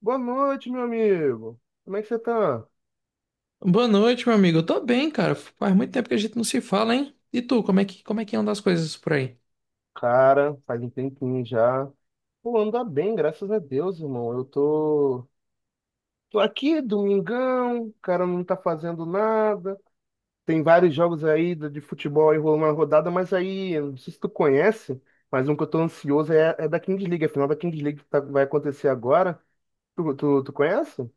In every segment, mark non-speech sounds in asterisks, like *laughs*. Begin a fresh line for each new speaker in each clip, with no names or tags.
Boa noite, meu amigo. Como é que você tá?
Boa noite, meu amigo. Eu tô bem, cara. Faz muito tempo que a gente não se fala, hein? E tu, como é que andam as coisas por aí?
Cara, faz um tempinho já. Pô, anda bem, graças a Deus, irmão. Tô aqui, domingão, o cara não tá fazendo nada. Tem vários jogos aí de futebol aí rolando na rodada, mas aí, eu não sei se tu conhece, mas um que eu tô ansioso é da Kings League. A final da Kings League vai acontecer agora. Tu conhece?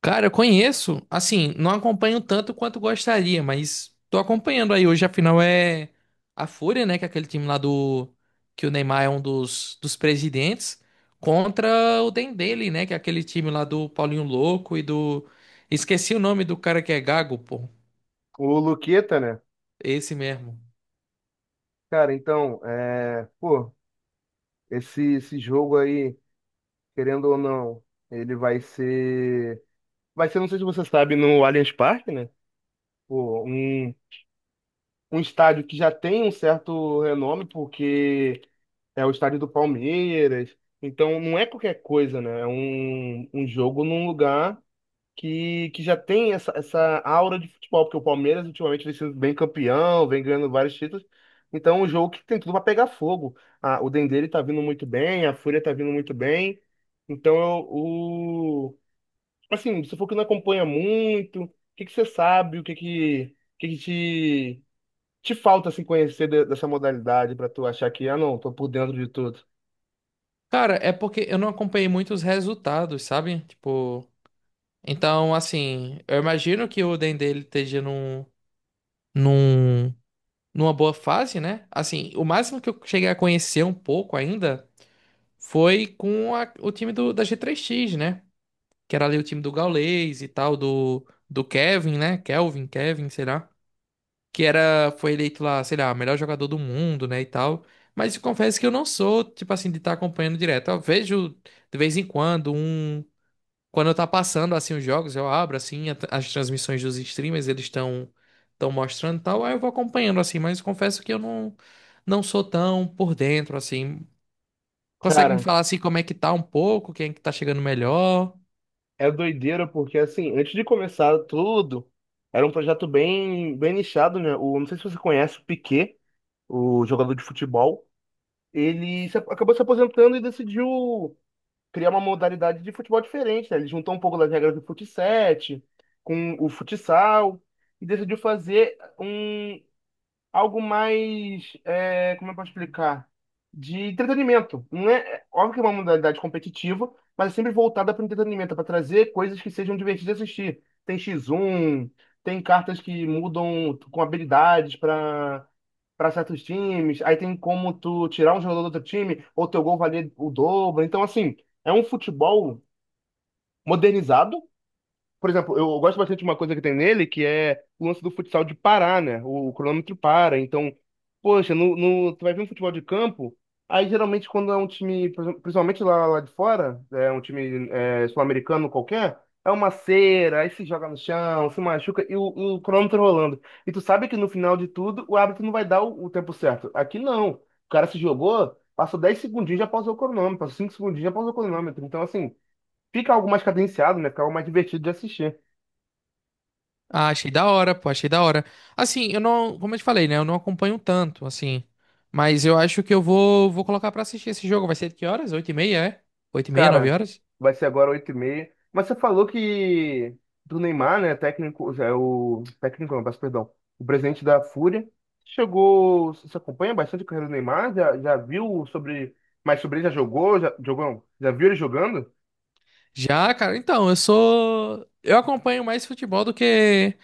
Cara, eu conheço, assim, não acompanho tanto quanto gostaria, mas tô acompanhando aí. Hoje, afinal, é a Fúria, né? Que é aquele time lá do... Que o Neymar é um dos presidentes. Contra o Dendele, né? Que é aquele time lá do Paulinho Louco e do... Esqueci o nome do cara que é Gago, pô.
O Luqueta, né?
Esse mesmo.
Cara, esse jogo aí, querendo ou não, ele vai ser. Vai ser, não sei se você sabe, no Allianz Parque, né? Pô, um estádio que já tem um certo renome, porque é o estádio do Palmeiras. Então, não é qualquer coisa, né? É um jogo num lugar que já tem essa aura de futebol, porque o Palmeiras ultimamente vem sendo bem campeão, vem ganhando vários títulos. Então, é um jogo que tem tudo para pegar fogo. Ah, o Dendê ele tá vindo muito bem, a Fúria tá vindo muito bem. Então, eu, Assim, você falou que não acompanha muito. O que que você sabe? O que que te falta assim, conhecer dessa modalidade para tu achar que, ah, não, tô por dentro de tudo?
Cara, é porque eu não acompanhei muito os resultados, sabe? Tipo... Então, assim, eu imagino que o Dendê ele esteja num, numa boa fase, né? Assim, o máximo que eu cheguei a conhecer um pouco ainda foi com o time da G3X, né? Que era ali o time do Gaules e tal, do Kevin, né? Kelvin, Kevin, sei lá. Que era, foi eleito lá, sei lá, melhor jogador do mundo, né? E tal. Mas eu confesso que eu não sou, tipo assim, de estar acompanhando direto. Eu vejo de vez em quando um. Quando tá passando assim os jogos, eu abro assim as transmissões dos streamers, eles estão mostrando e tal, aí eu vou acompanhando assim, mas confesso que eu não sou tão por dentro assim. Consegue me
Cara,
falar assim como é que tá um pouco, quem é que tá chegando melhor?
é doideira porque, assim, antes de começar tudo, era um projeto bem nichado, né? O, não sei se você conhece o Piquet, o jogador de futebol. Ele se, Acabou se aposentando e decidiu criar uma modalidade de futebol diferente, né? Ele juntou um pouco das regras do fut sete com o futsal e decidiu fazer algo mais, como eu posso explicar? De entretenimento. Não é, é, Óbvio que é uma modalidade competitiva, mas é sempre voltada para o entretenimento, é para trazer coisas que sejam divertidas de assistir. Tem X1, tem cartas que mudam com habilidades para certos times, aí tem como tu tirar um jogador do outro time, ou teu gol valer o dobro. Então, assim, é um futebol modernizado. Por exemplo, eu gosto bastante de uma coisa que tem nele, que é o lance do futsal de parar, né? O cronômetro para. Então, poxa, no, no, tu vai ver um futebol de campo, aí geralmente quando é um time, por exemplo, principalmente lá de fora, é um time sul-americano qualquer, é uma cera, aí se joga no chão, se machuca e o cronômetro rolando. E tu sabe que no final de tudo, o árbitro não vai dar o tempo certo. Aqui não. O cara se jogou, passou 10 segundinhos, já pausou o cronômetro, passou 5 segundinhos, já pausou o cronômetro. Então, assim, fica algo mais cadenciado, né? Fica algo mais divertido de assistir.
Ah, achei da hora, pô, achei da hora. Assim, eu não, como eu te falei, né, eu não acompanho tanto assim, mas eu acho que eu vou colocar pra assistir esse jogo. Vai ser de que horas? Oito e meia, é? Oito e meia, nove
Cara,
horas?
vai ser agora 8h30. Mas você falou que do Neymar, né? Técnico, é o técnico, não, peço perdão. O presidente da Fúria. Chegou. Você acompanha bastante a carreira do Neymar? Já viu sobre, mais sobre ele já jogou? Já, jogou? Não, Já viu ele jogando?
Já, cara, então, eu sou. Eu acompanho mais futebol do que.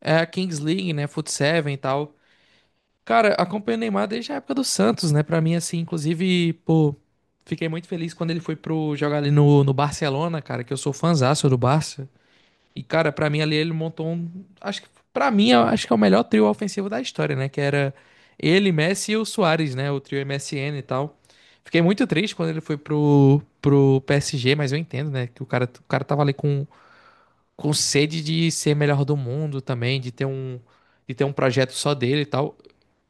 É a Kings League, né? Foot Seven e tal. Cara, acompanho o Neymar desde a época do Santos, né? Pra mim, assim, inclusive, pô, fiquei muito feliz quando ele foi pro jogar ali no Barcelona, cara, que eu sou fãzaço do Barça. E, cara, pra mim ali ele montou um. Acho que, pra mim, eu acho que é o melhor trio ofensivo da história, né? Que era ele, Messi e o Suárez, né? O trio MSN e tal. Fiquei muito triste quando ele foi pro PSG, mas eu entendo, né? Que o cara tava ali com sede de ser melhor do mundo também, de ter um projeto só dele e tal.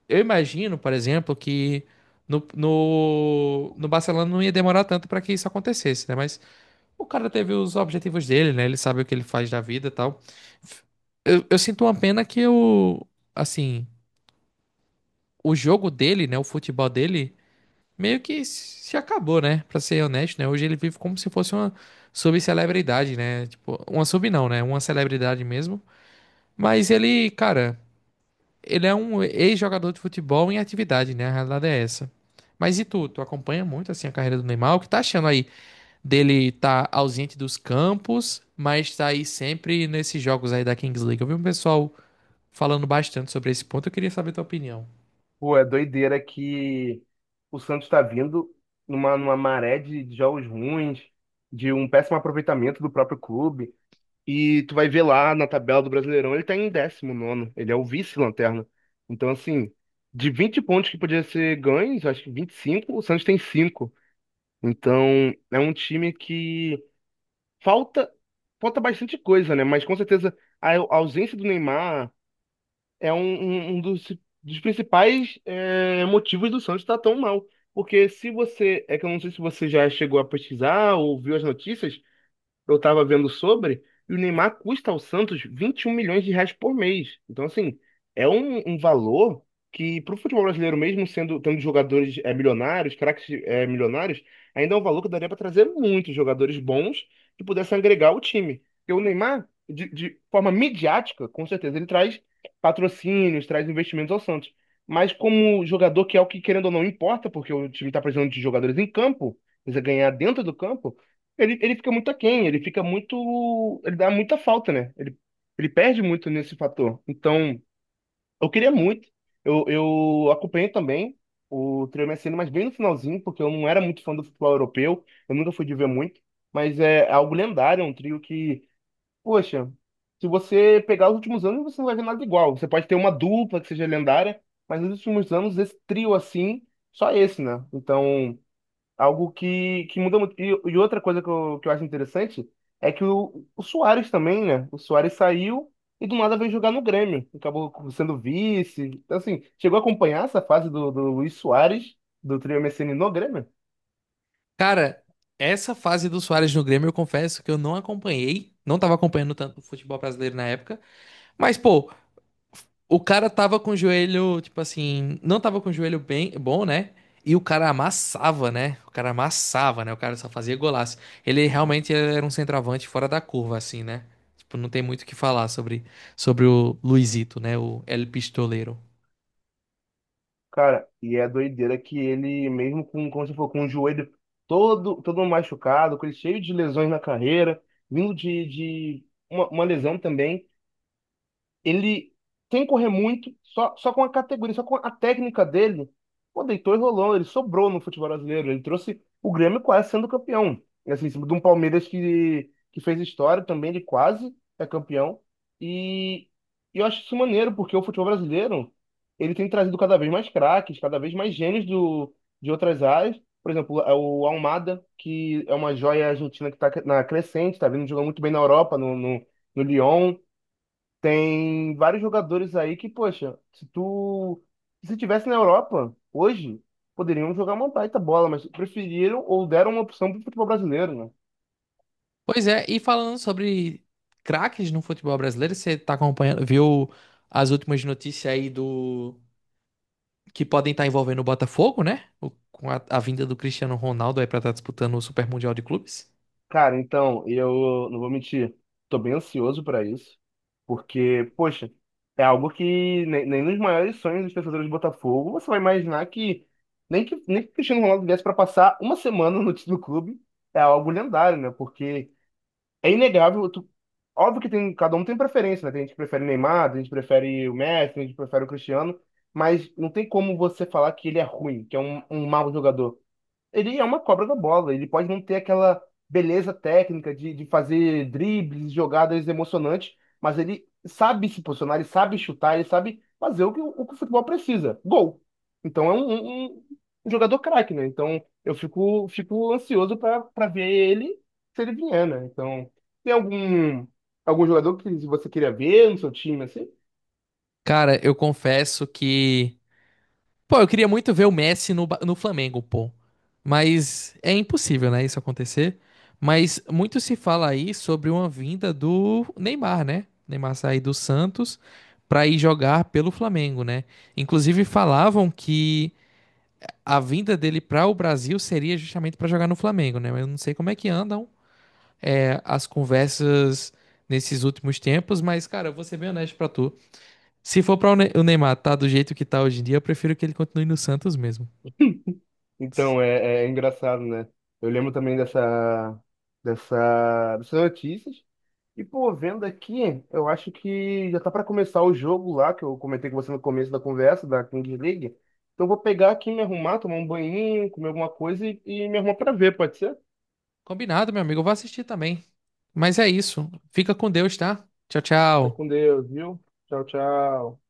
Eu imagino, por exemplo, que no Barcelona não ia demorar tanto para que isso acontecesse, né? Mas o cara teve os objetivos dele, né? Ele sabe o que ele faz da vida e tal. Eu sinto uma pena que o, assim, o jogo dele, né? O futebol dele meio que se acabou, né? Pra ser honesto, né? Hoje ele vive como se fosse uma subcelebridade, né? Tipo, uma sub não, né? Uma celebridade mesmo, mas ele, cara, ele é um ex-jogador de futebol em atividade, né? A realidade é essa. Mas e tu? Tu acompanha muito assim a carreira do Neymar? O que tá achando aí dele tá ausente dos campos, mas tá aí sempre nesses jogos aí da Kings League? Eu vi um pessoal falando bastante sobre esse ponto, eu queria saber tua opinião.
Pô, é doideira que o Santos está vindo numa maré de jogos ruins, de um péssimo aproveitamento do próprio clube. E tu vai ver lá na tabela do Brasileirão, ele tá em décimo nono, ele é o vice-lanterna. Então, assim, de 20 pontos que podia ser ganhos, acho que 25, o Santos tem 5. Então, é um time que falta falta bastante coisa, né? Mas com certeza a ausência do Neymar é um dos principais motivos do Santos estar tão mal. Porque se você, é que eu não sei se você já chegou a pesquisar ou viu as notícias, eu tava vendo sobre, e o Neymar custa ao Santos 21 milhões de reais por mês. Então, assim, é um valor que, pro futebol brasileiro, mesmo sendo tendo jogadores milionários, craques milionários, ainda é um valor que daria para trazer muitos jogadores bons que pudessem agregar o time. Porque o Neymar, de forma midiática, com certeza, ele traz patrocínios, traz investimentos ao Santos. Mas como jogador, que é o que, querendo ou não, importa, porque o time está precisando de jogadores em campo, precisa ganhar dentro do campo. Ele fica muito aquém, ele fica muito. Ele dá muita falta, né? Ele perde muito nesse fator. Então, eu queria muito. Eu acompanhei também o Trio MSN, mas bem no finalzinho, porque eu não era muito fã do futebol europeu, eu nunca fui de ver muito. Mas é algo lendário, é um trio que, poxa, se você pegar os últimos anos, você não vai ver nada igual. Você pode ter uma dupla que seja lendária, mas nos últimos anos, esse trio assim, só esse, né? Então, algo que muda muito. E outra coisa que eu acho interessante é o Suárez também, né? O Suárez saiu e do nada veio jogar no Grêmio. Acabou sendo vice. Então, assim, chegou a acompanhar essa fase do Luis Suárez, do trio MSN no Grêmio?
Cara, essa fase do Suárez no Grêmio, eu confesso que eu não acompanhei, não tava acompanhando tanto o futebol brasileiro na época, mas pô, o cara tava com o joelho, tipo assim, não tava com o joelho bem, bom, né? E o cara amassava, né? O cara amassava, né? O cara só fazia golaço. Ele realmente era um centroavante fora da curva, assim, né? Tipo, não tem muito o que falar sobre o Luizito, né? O El Pistoleiro.
Cara, e é doideira que ele, mesmo com, como você falou, com o joelho todo machucado, com ele cheio de lesões na carreira, vindo de uma lesão também, ele, sem correr muito, só com a categoria, só com a técnica dele, pô, deitou e rolou. Ele sobrou no futebol brasileiro. Ele trouxe o Grêmio quase sendo campeão. E, assim, em cima de um Palmeiras que fez história também, ele quase é campeão. E, e eu acho isso maneiro, porque o futebol brasileiro, ele tem trazido cada vez mais craques, cada vez mais gênios de outras áreas. Por exemplo, é o Almada, que é uma joia argentina que está na crescente, está vindo jogando muito bem na Europa, no Lyon. Tem vários jogadores aí que, poxa, se tivesse na Europa hoje, poderiam jogar uma baita bola, mas preferiram ou deram uma opção pro futebol brasileiro, né?
Pois é, e falando sobre craques no futebol brasileiro, você tá acompanhando, viu as últimas notícias aí do que podem estar envolvendo o Botafogo, né? Com a vinda do Cristiano Ronaldo aí pra estar disputando o Super Mundial de Clubes.
Cara, então, eu não vou mentir, tô bem ansioso pra isso, porque, poxa, é algo que nem, nem nos maiores sonhos dos torcedores do Botafogo você vai imaginar que nem que nem que o Cristiano Ronaldo viesse pra passar uma semana no, *laughs* no clube, é algo lendário, né? Porque é inegável. Óbvio que tem, cada um tem preferência, né? Tem gente que prefere o Neymar, tem gente que prefere o Messi, tem gente que prefere o Cristiano, mas não tem como você falar que ele é ruim, que é um mau jogador. Ele é uma cobra da bola, ele pode não ter aquela beleza técnica de fazer dribles, jogadas emocionantes, mas ele sabe se posicionar, ele sabe chutar, ele sabe fazer o que que o futebol precisa, gol. Então é um jogador craque, né? Então eu fico ansioso para ver ele, se ele vier, né? Então tem algum jogador que você queria ver no seu time assim?
Cara, eu confesso que. Pô, eu queria muito ver o Messi no, no Flamengo, pô. Mas é impossível, né, isso acontecer. Mas muito se fala aí sobre uma vinda do Neymar, né? Neymar sair do Santos pra ir jogar pelo Flamengo, né? Inclusive falavam que a vinda dele para o Brasil seria justamente pra jogar no Flamengo, né? Mas eu não sei como é que andam é, as conversas nesses últimos tempos, mas, cara, eu vou ser bem honesto pra tu. Se for pra o o Neymar tá do jeito que tá hoje em dia, eu prefiro que ele continue no Santos mesmo.
Então é, é engraçado, né? Eu lembro também dessas notícias. E, pô, vendo aqui, eu acho que já tá pra começar o jogo lá, que eu comentei com você no começo da conversa, da Kings League. Então, eu vou pegar aqui, me arrumar, tomar um banhinho, comer alguma coisa e me arrumar pra ver, pode ser?
Combinado, meu amigo. Eu vou assistir também. Mas é isso. Fica com Deus, tá? Tchau,
Fica
tchau.
com Deus, viu? Tchau, tchau.